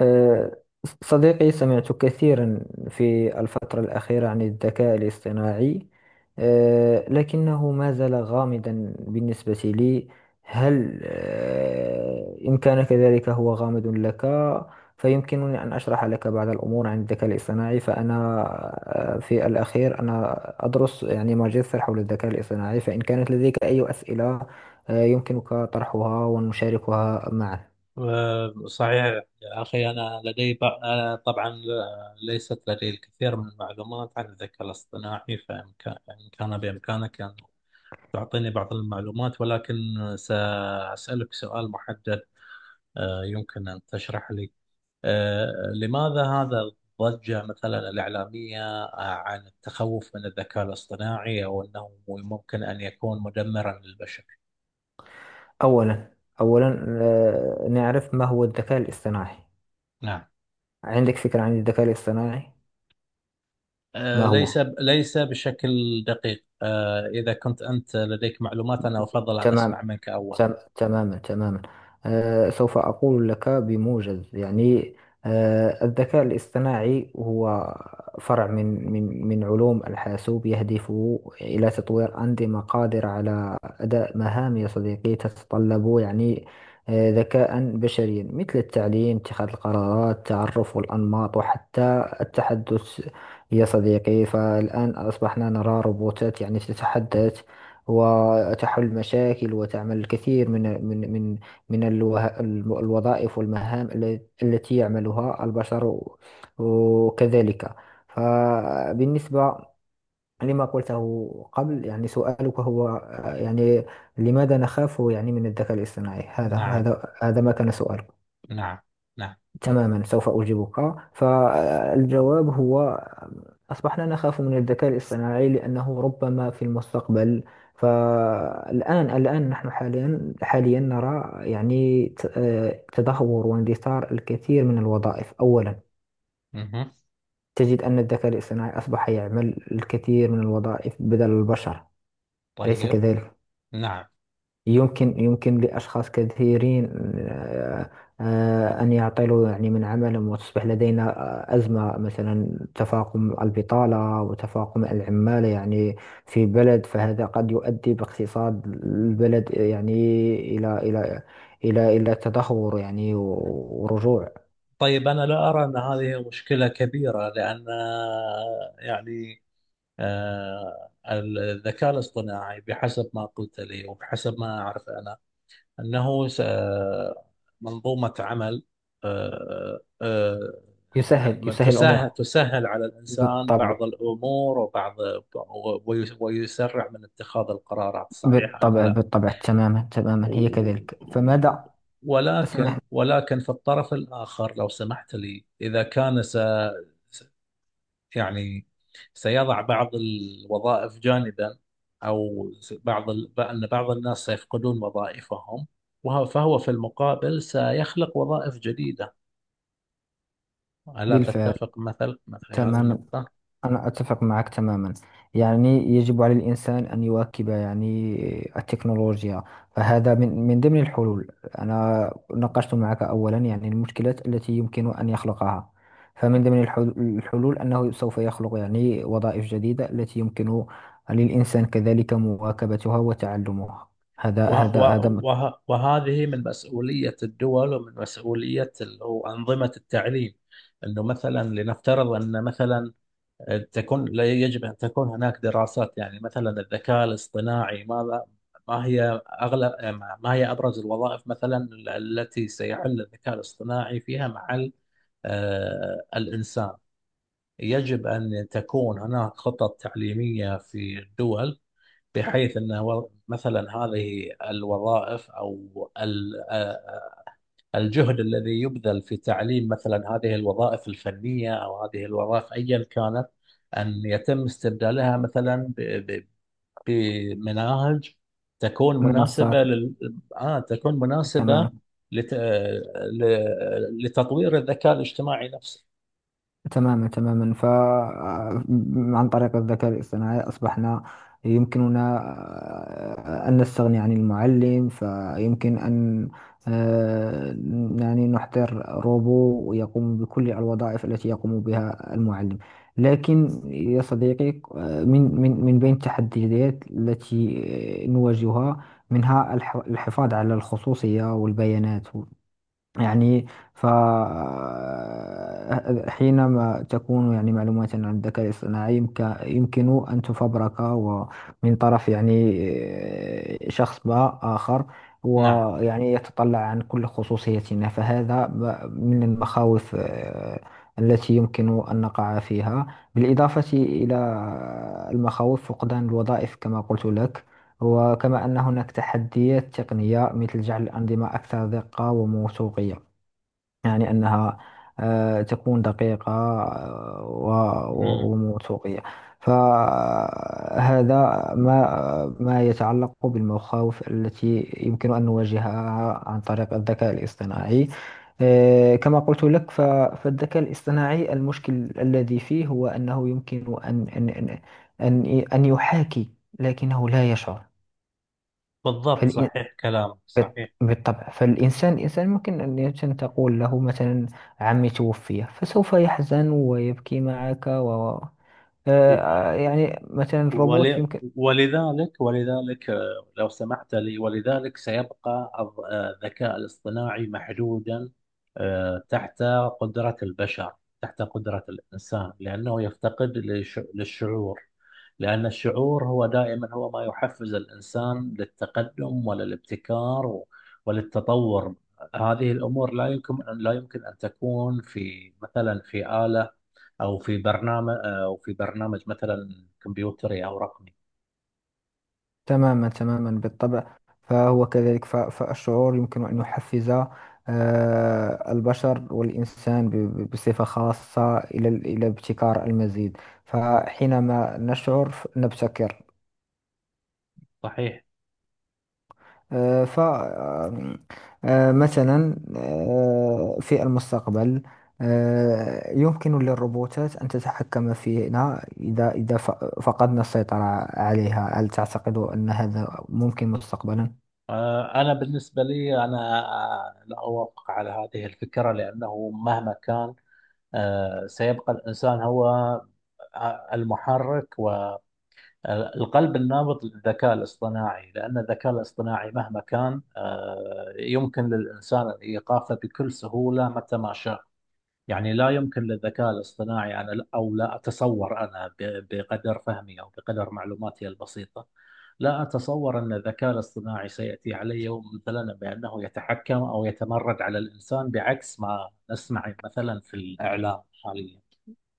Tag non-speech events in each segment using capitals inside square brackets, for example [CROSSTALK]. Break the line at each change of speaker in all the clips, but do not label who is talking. آه، صديقي، سمعت كثيرا في الفترة الأخيرة عن الذكاء الاصطناعي، لكنه ما زال غامضا بالنسبة لي. هل إن كان كذلك هو غامض لك، فيمكنني أن أشرح لك بعض الأمور عن الذكاء الاصطناعي. فأنا في الأخير أنا أدرس يعني ماجستير حول الذكاء الاصطناعي. فإن كانت لديك أي أسئلة يمكنك طرحها ونشاركها معا.
صحيح يا أخي، أنا طبعا ليست لدي الكثير من المعلومات عن الذكاء الاصطناعي، فإمكان إن كان بإمكانك أن تعطيني بعض المعلومات، ولكن سأسألك سؤال محدد. يمكن أن تشرح لي لماذا هذا الضجة مثلا الإعلامية عن التخوف من الذكاء الاصطناعي، أو أنه ممكن أن يكون مدمرا للبشر؟
أولا أولا، نعرف ما هو الذكاء الاصطناعي.
نعم.
عندك فكرة عن الذكاء الاصطناعي؟ ما
ليس
هو؟
ليس بشكل دقيق. إذا كنت أنت لديك معلومات، أنا أفضل أن أسمع
تمام.
منك أولا.
تماما تماما. سوف أقول لك بموجز، يعني. الذكاء الاصطناعي هو فرع من علوم الحاسوب يهدف إلى تطوير أنظمة قادرة على أداء مهام، يا صديقي، تتطلب يعني ذكاء بشريا، مثل التعليم، اتخاذ القرارات، تعرف الأنماط، وحتى التحدث. يا صديقي، فالآن أصبحنا نرى روبوتات يعني تتحدث وتحل مشاكل وتعمل الكثير من الوظائف والمهام التي يعملها البشر، وكذلك. فبالنسبة لما قلته قبل، يعني سؤالك هو يعني لماذا نخاف يعني من الذكاء الاصطناعي، هذا
نعم.
هذا هذا ما كان سؤالك.
نعم. نعم.
تماما، سوف أجيبك. فالجواب هو أصبحنا نخاف من الذكاء الاصطناعي لأنه ربما في المستقبل. فالآن نحن حاليا نرى يعني تدهور واندثار الكثير من الوظائف. أولا،
مه.
تجد أن الذكاء الاصطناعي أصبح يعمل الكثير من الوظائف بدل البشر، أليس
طيب.
كذلك؟
نعم.
يمكن لأشخاص كثيرين، آه، أن يعطلوا يعني من عملهم وتصبح لدينا أزمة، مثلا تفاقم البطالة وتفاقم العمالة يعني في بلد. فهذا قد يؤدي باقتصاد البلد، يعني، إلى إلى إلى تدهور يعني ورجوع.
طيب، أنا لا أرى أن هذه مشكلة كبيرة، لأن يعني الذكاء الاصطناعي بحسب ما قلت لي وبحسب ما أعرف أنا أنه منظومة عمل، آه، آه،
يسهل يسهل
تسهل
الأمور.
تسهل على الإنسان
بالطبع،
بعض الأمور وبعض ويسرع من اتخاذ القرارات، صحيحة أم
بالطبع،
لا.
بالطبع، تماما تماما، هي
و-
كذلك.
و-
فماذا؟ سمح.
ولكن في الطرف الآخر لو سمحت لي، إذا كان يعني سيضع بعض الوظائف جانبا، أو بعض أن بعض الناس سيفقدون وظائفهم، وهو فهو في المقابل سيخلق وظائف جديدة. ألا
بالفعل،
تتفق مثل هذه
تماما،
النقطة؟
أنا أتفق معك تماما. يعني يجب على الإنسان أن يواكب يعني التكنولوجيا. فهذا من ضمن الحلول. أنا ناقشت معك أولا يعني المشكلات التي يمكن أن يخلقها. فمن ضمن الحلول أنه سوف يخلق يعني وظائف جديدة التي يمكن للإنسان كذلك مواكبتها وتعلمها. هذا هذا هذا
وهذه من مسؤولية الدول، ومن مسؤولية أو أنظمة التعليم. أنه مثلا لنفترض أن مثلا تكون، لا يجب أن تكون هناك دراسات، يعني مثلا الذكاء الاصطناعي ماذا، ما هي أغلب، ما هي أبرز الوظائف مثلا التي سيحل الذكاء الاصطناعي فيها مع الإنسان. يجب أن تكون هناك خطط تعليمية في الدول، بحيث أن مثلا هذه الوظائف، أو الجهد الذي يبذل في تعليم مثلا هذه الوظائف الفنية أو هذه الوظائف أيا كانت، أن يتم استبدالها مثلا ب- بمناهج تكون
منصات.
مناسبة تكون
تماما
مناسبة لت... ل... لتطوير الذكاء الاجتماعي نفسه.
تماما تماما. ف آه، عن طريق الذكاء الاصطناعي أصبحنا يمكننا أن نستغني عن المعلم. فيمكن أن آه، يعني نحضر روبو يقوم بكل الوظائف التي يقوم بها المعلم. لكن يا صديقي، من بين التحديات التي نواجهها، منها الحفاظ على الخصوصية والبيانات، يعني. ف حينما تكون يعني معلومات عن الذكاء الاصطناعي، يمكن أن تفبرك ومن طرف يعني شخص ما آخر،
نعم.
ويعني يتطلع عن كل خصوصيتنا. فهذا من المخاوف التي يمكن أن نقع فيها، بالإضافة إلى المخاوف فقدان الوظائف كما قلت لك. وكما أن هناك تحديات تقنية مثل جعل الأنظمة أكثر دقة وموثوقية، يعني أنها تكون دقيقة
مم.
وموثوقية. فهذا ما يتعلق بالمخاوف التي يمكن أن نواجهها عن طريق الذكاء الاصطناعي. كما قلت لك، فالذكاء الاصطناعي المشكل الذي فيه هو أنه يمكن أن يحاكي لكنه لا يشعر.
بالضبط، صحيح كلامك صحيح.
بالطبع. فالإنسان ممكن أن، يمكن تقول له مثلا عمي توفي فسوف يحزن ويبكي معك. و آه، آه، يعني مثلا الروبوت
ول...
يمكن.
ولذلك لو سمحت لي، ولذلك سيبقى الذكاء الاصطناعي محدودا، تحت قدرة البشر، تحت قدرة الإنسان، لأنه يفتقد للشعور. لأن الشعور هو دائما هو ما يحفز الإنسان للتقدم وللابتكار وللتطور. هذه الأمور لا يمكن أن تكون في مثلا في آلة، او في برنامج او في برنامج مثلا كمبيوتري او رقمي.
تماما تماما، بالطبع. فهو كذلك. فالشعور يمكن أن يحفز البشر والإنسان بصفة خاصة إلى إلى ابتكار المزيد. فحينما نشعر نبتكر.
صحيح.
آه، ف آم، آه، مثلا، في المستقبل، يمكن للروبوتات أن تتحكم فينا إذا فقدنا السيطرة عليها. هل تعتقد أن هذا ممكن مستقبلا؟
انا بالنسبه لي انا لا اوافق على هذه الفكره، لانه مهما كان سيبقى الانسان هو المحرك والقلب النابض للذكاء الاصطناعي. لان الذكاء الاصطناعي مهما كان يمكن للانسان ايقافه بكل سهوله متى ما شاء. يعني لا يمكن للذكاء الاصطناعي، أنا أو لا أتصور أنا بقدر فهمي أو بقدر معلوماتي البسيطة لا أتصور أن الذكاء الاصطناعي سيأتي على يوم مثلا بأنه يتحكم أو يتمرد على الإنسان، بعكس ما نسمع مثلا في الإعلام حاليا.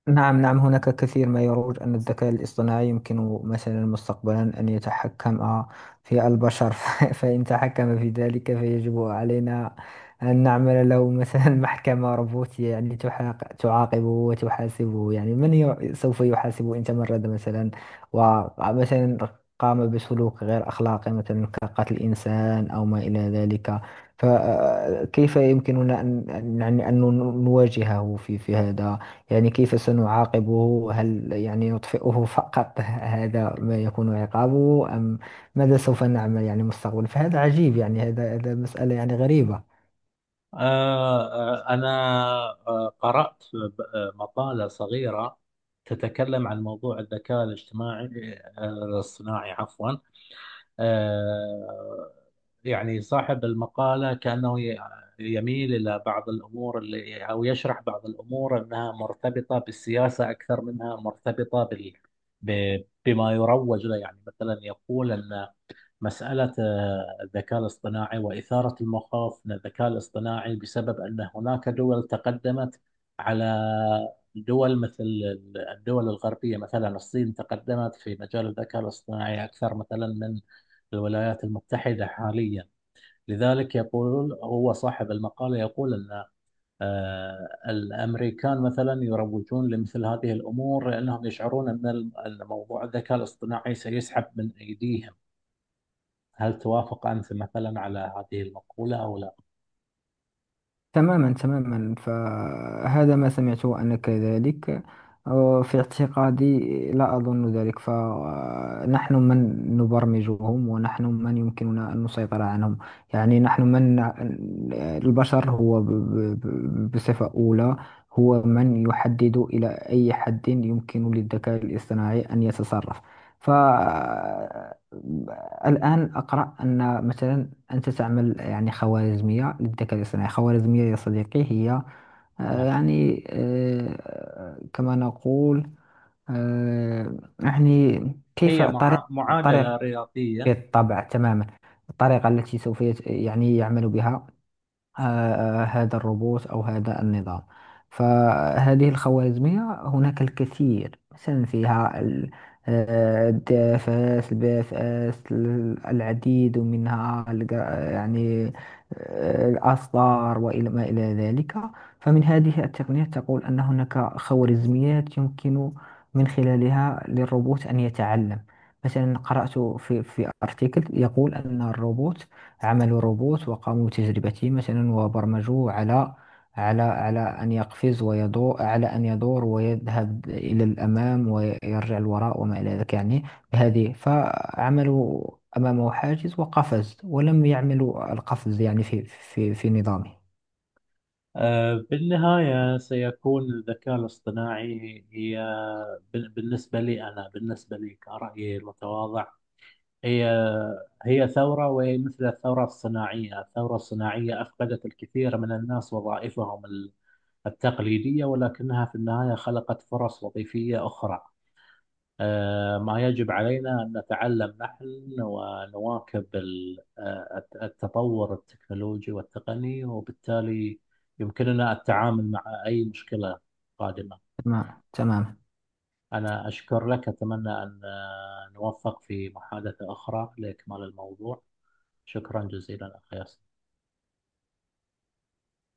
نعم، نعم. هناك كثير ما يروج أن الذكاء الاصطناعي يمكن مثلا مستقبلا أن يتحكم في البشر. [LAUGHS] فإن تحكم في ذلك فيجب علينا أن نعمل له مثلا [LAUGHS] محكمة روبوتية، يعني تعاقبه وتحاسبه. يعني سوف يحاسبه إن تمرد مثلا، ومثلا قام بسلوك غير أخلاقي، مثلا كقتل إنسان أو ما إلى ذلك. فكيف يمكننا أن يعني أن نواجهه في هذا؟ يعني كيف سنعاقبه؟ هل يعني نطفئه فقط؟ [LAUGHS] هذا ما يكون عقابه، أم ماذا سوف نعمل يعني مستقبلا؟ فهذا عجيب، يعني هذا مسألة يعني غريبة.
أنا قرأت مقالة صغيرة تتكلم عن موضوع الذكاء الاجتماعي، الاصطناعي عفوا. آه، يعني صاحب المقالة كأنه يميل إلى بعض الأمور اللي أو يشرح بعض الأمور أنها مرتبطة بالسياسة أكثر منها مرتبطة بال بما يروج له. يعني مثلا يقول أن مسألة الذكاء الاصطناعي وإثارة المخاوف من الذكاء الاصطناعي بسبب أن هناك دول تقدمت على دول، مثل الدول الغربية، مثلا الصين تقدمت في مجال الذكاء الاصطناعي أكثر مثلا من الولايات المتحدة حاليا. لذلك يقول هو صاحب المقالة، يقول أن الأمريكان مثلا يروجون لمثل هذه الأمور، لأنهم يشعرون أن أن موضوع الذكاء الاصطناعي سيسحب من أيديهم. هل توافق أنت مثلا على هذه المقولة أو لا؟
تماما تماما، فهذا ما سمعته أنا كذلك. في اعتقادي لا أظن ذلك. فنحن من نبرمجهم ونحن من يمكننا أن نسيطر عنهم. يعني نحن من البشر، هو بصفة أولى هو من يحدد إلى أي حد يمكن للذكاء الاصطناعي أن يتصرف. فالآن أقرأ أن مثلا أنت تعمل يعني خوارزمية للذكاء الاصطناعي. خوارزمية، يا صديقي، هي
نعم.
يعني كما نقول يعني كيف
هي
طريق طريق
معادلة رياضية.
بالطبع، تماما. الطريقة التي سوف يعني يعمل بها هذا الروبوت أو هذا النظام. فهذه الخوارزمية هناك الكثير مثلا فيها الداف اس الباف اس العديد منها، يعني الأصدار وإلى ما إلى ذلك. فمن هذه التقنيات تقول أن هناك خوارزميات يمكن من خلالها للروبوت أن يتعلم. مثلا قرأت في ارتيكل يقول أن الروبوت. عملوا روبوت وقاموا بتجربته مثلا وبرمجوه على أن يقفز ويدور، على أن يدور ويذهب إلى الأمام ويرجع الوراء وما إلى ذلك. يعني بهذه فعملوا أمامه حاجز وقفز ولم يعملوا القفز، يعني في نظامه.
بالنهاية سيكون الذكاء الاصطناعي هي، بالنسبة لي أنا، بالنسبة لي كرأيي المتواضع، هي هي ثورة، وهي مثل الثورة الصناعية. الثورة الصناعية أفقدت الكثير من الناس وظائفهم التقليدية، ولكنها في النهاية خلقت فرص وظيفية أخرى. ما يجب علينا أن نتعلم نحن ونواكب التطور التكنولوجي والتقني، وبالتالي يمكننا التعامل مع أي مشكلة قادمة.
تمام تمام.
أنا أشكر لك، أتمنى أن نوفق في محادثة أخرى لإكمال الموضوع. شكرا جزيلا أخي.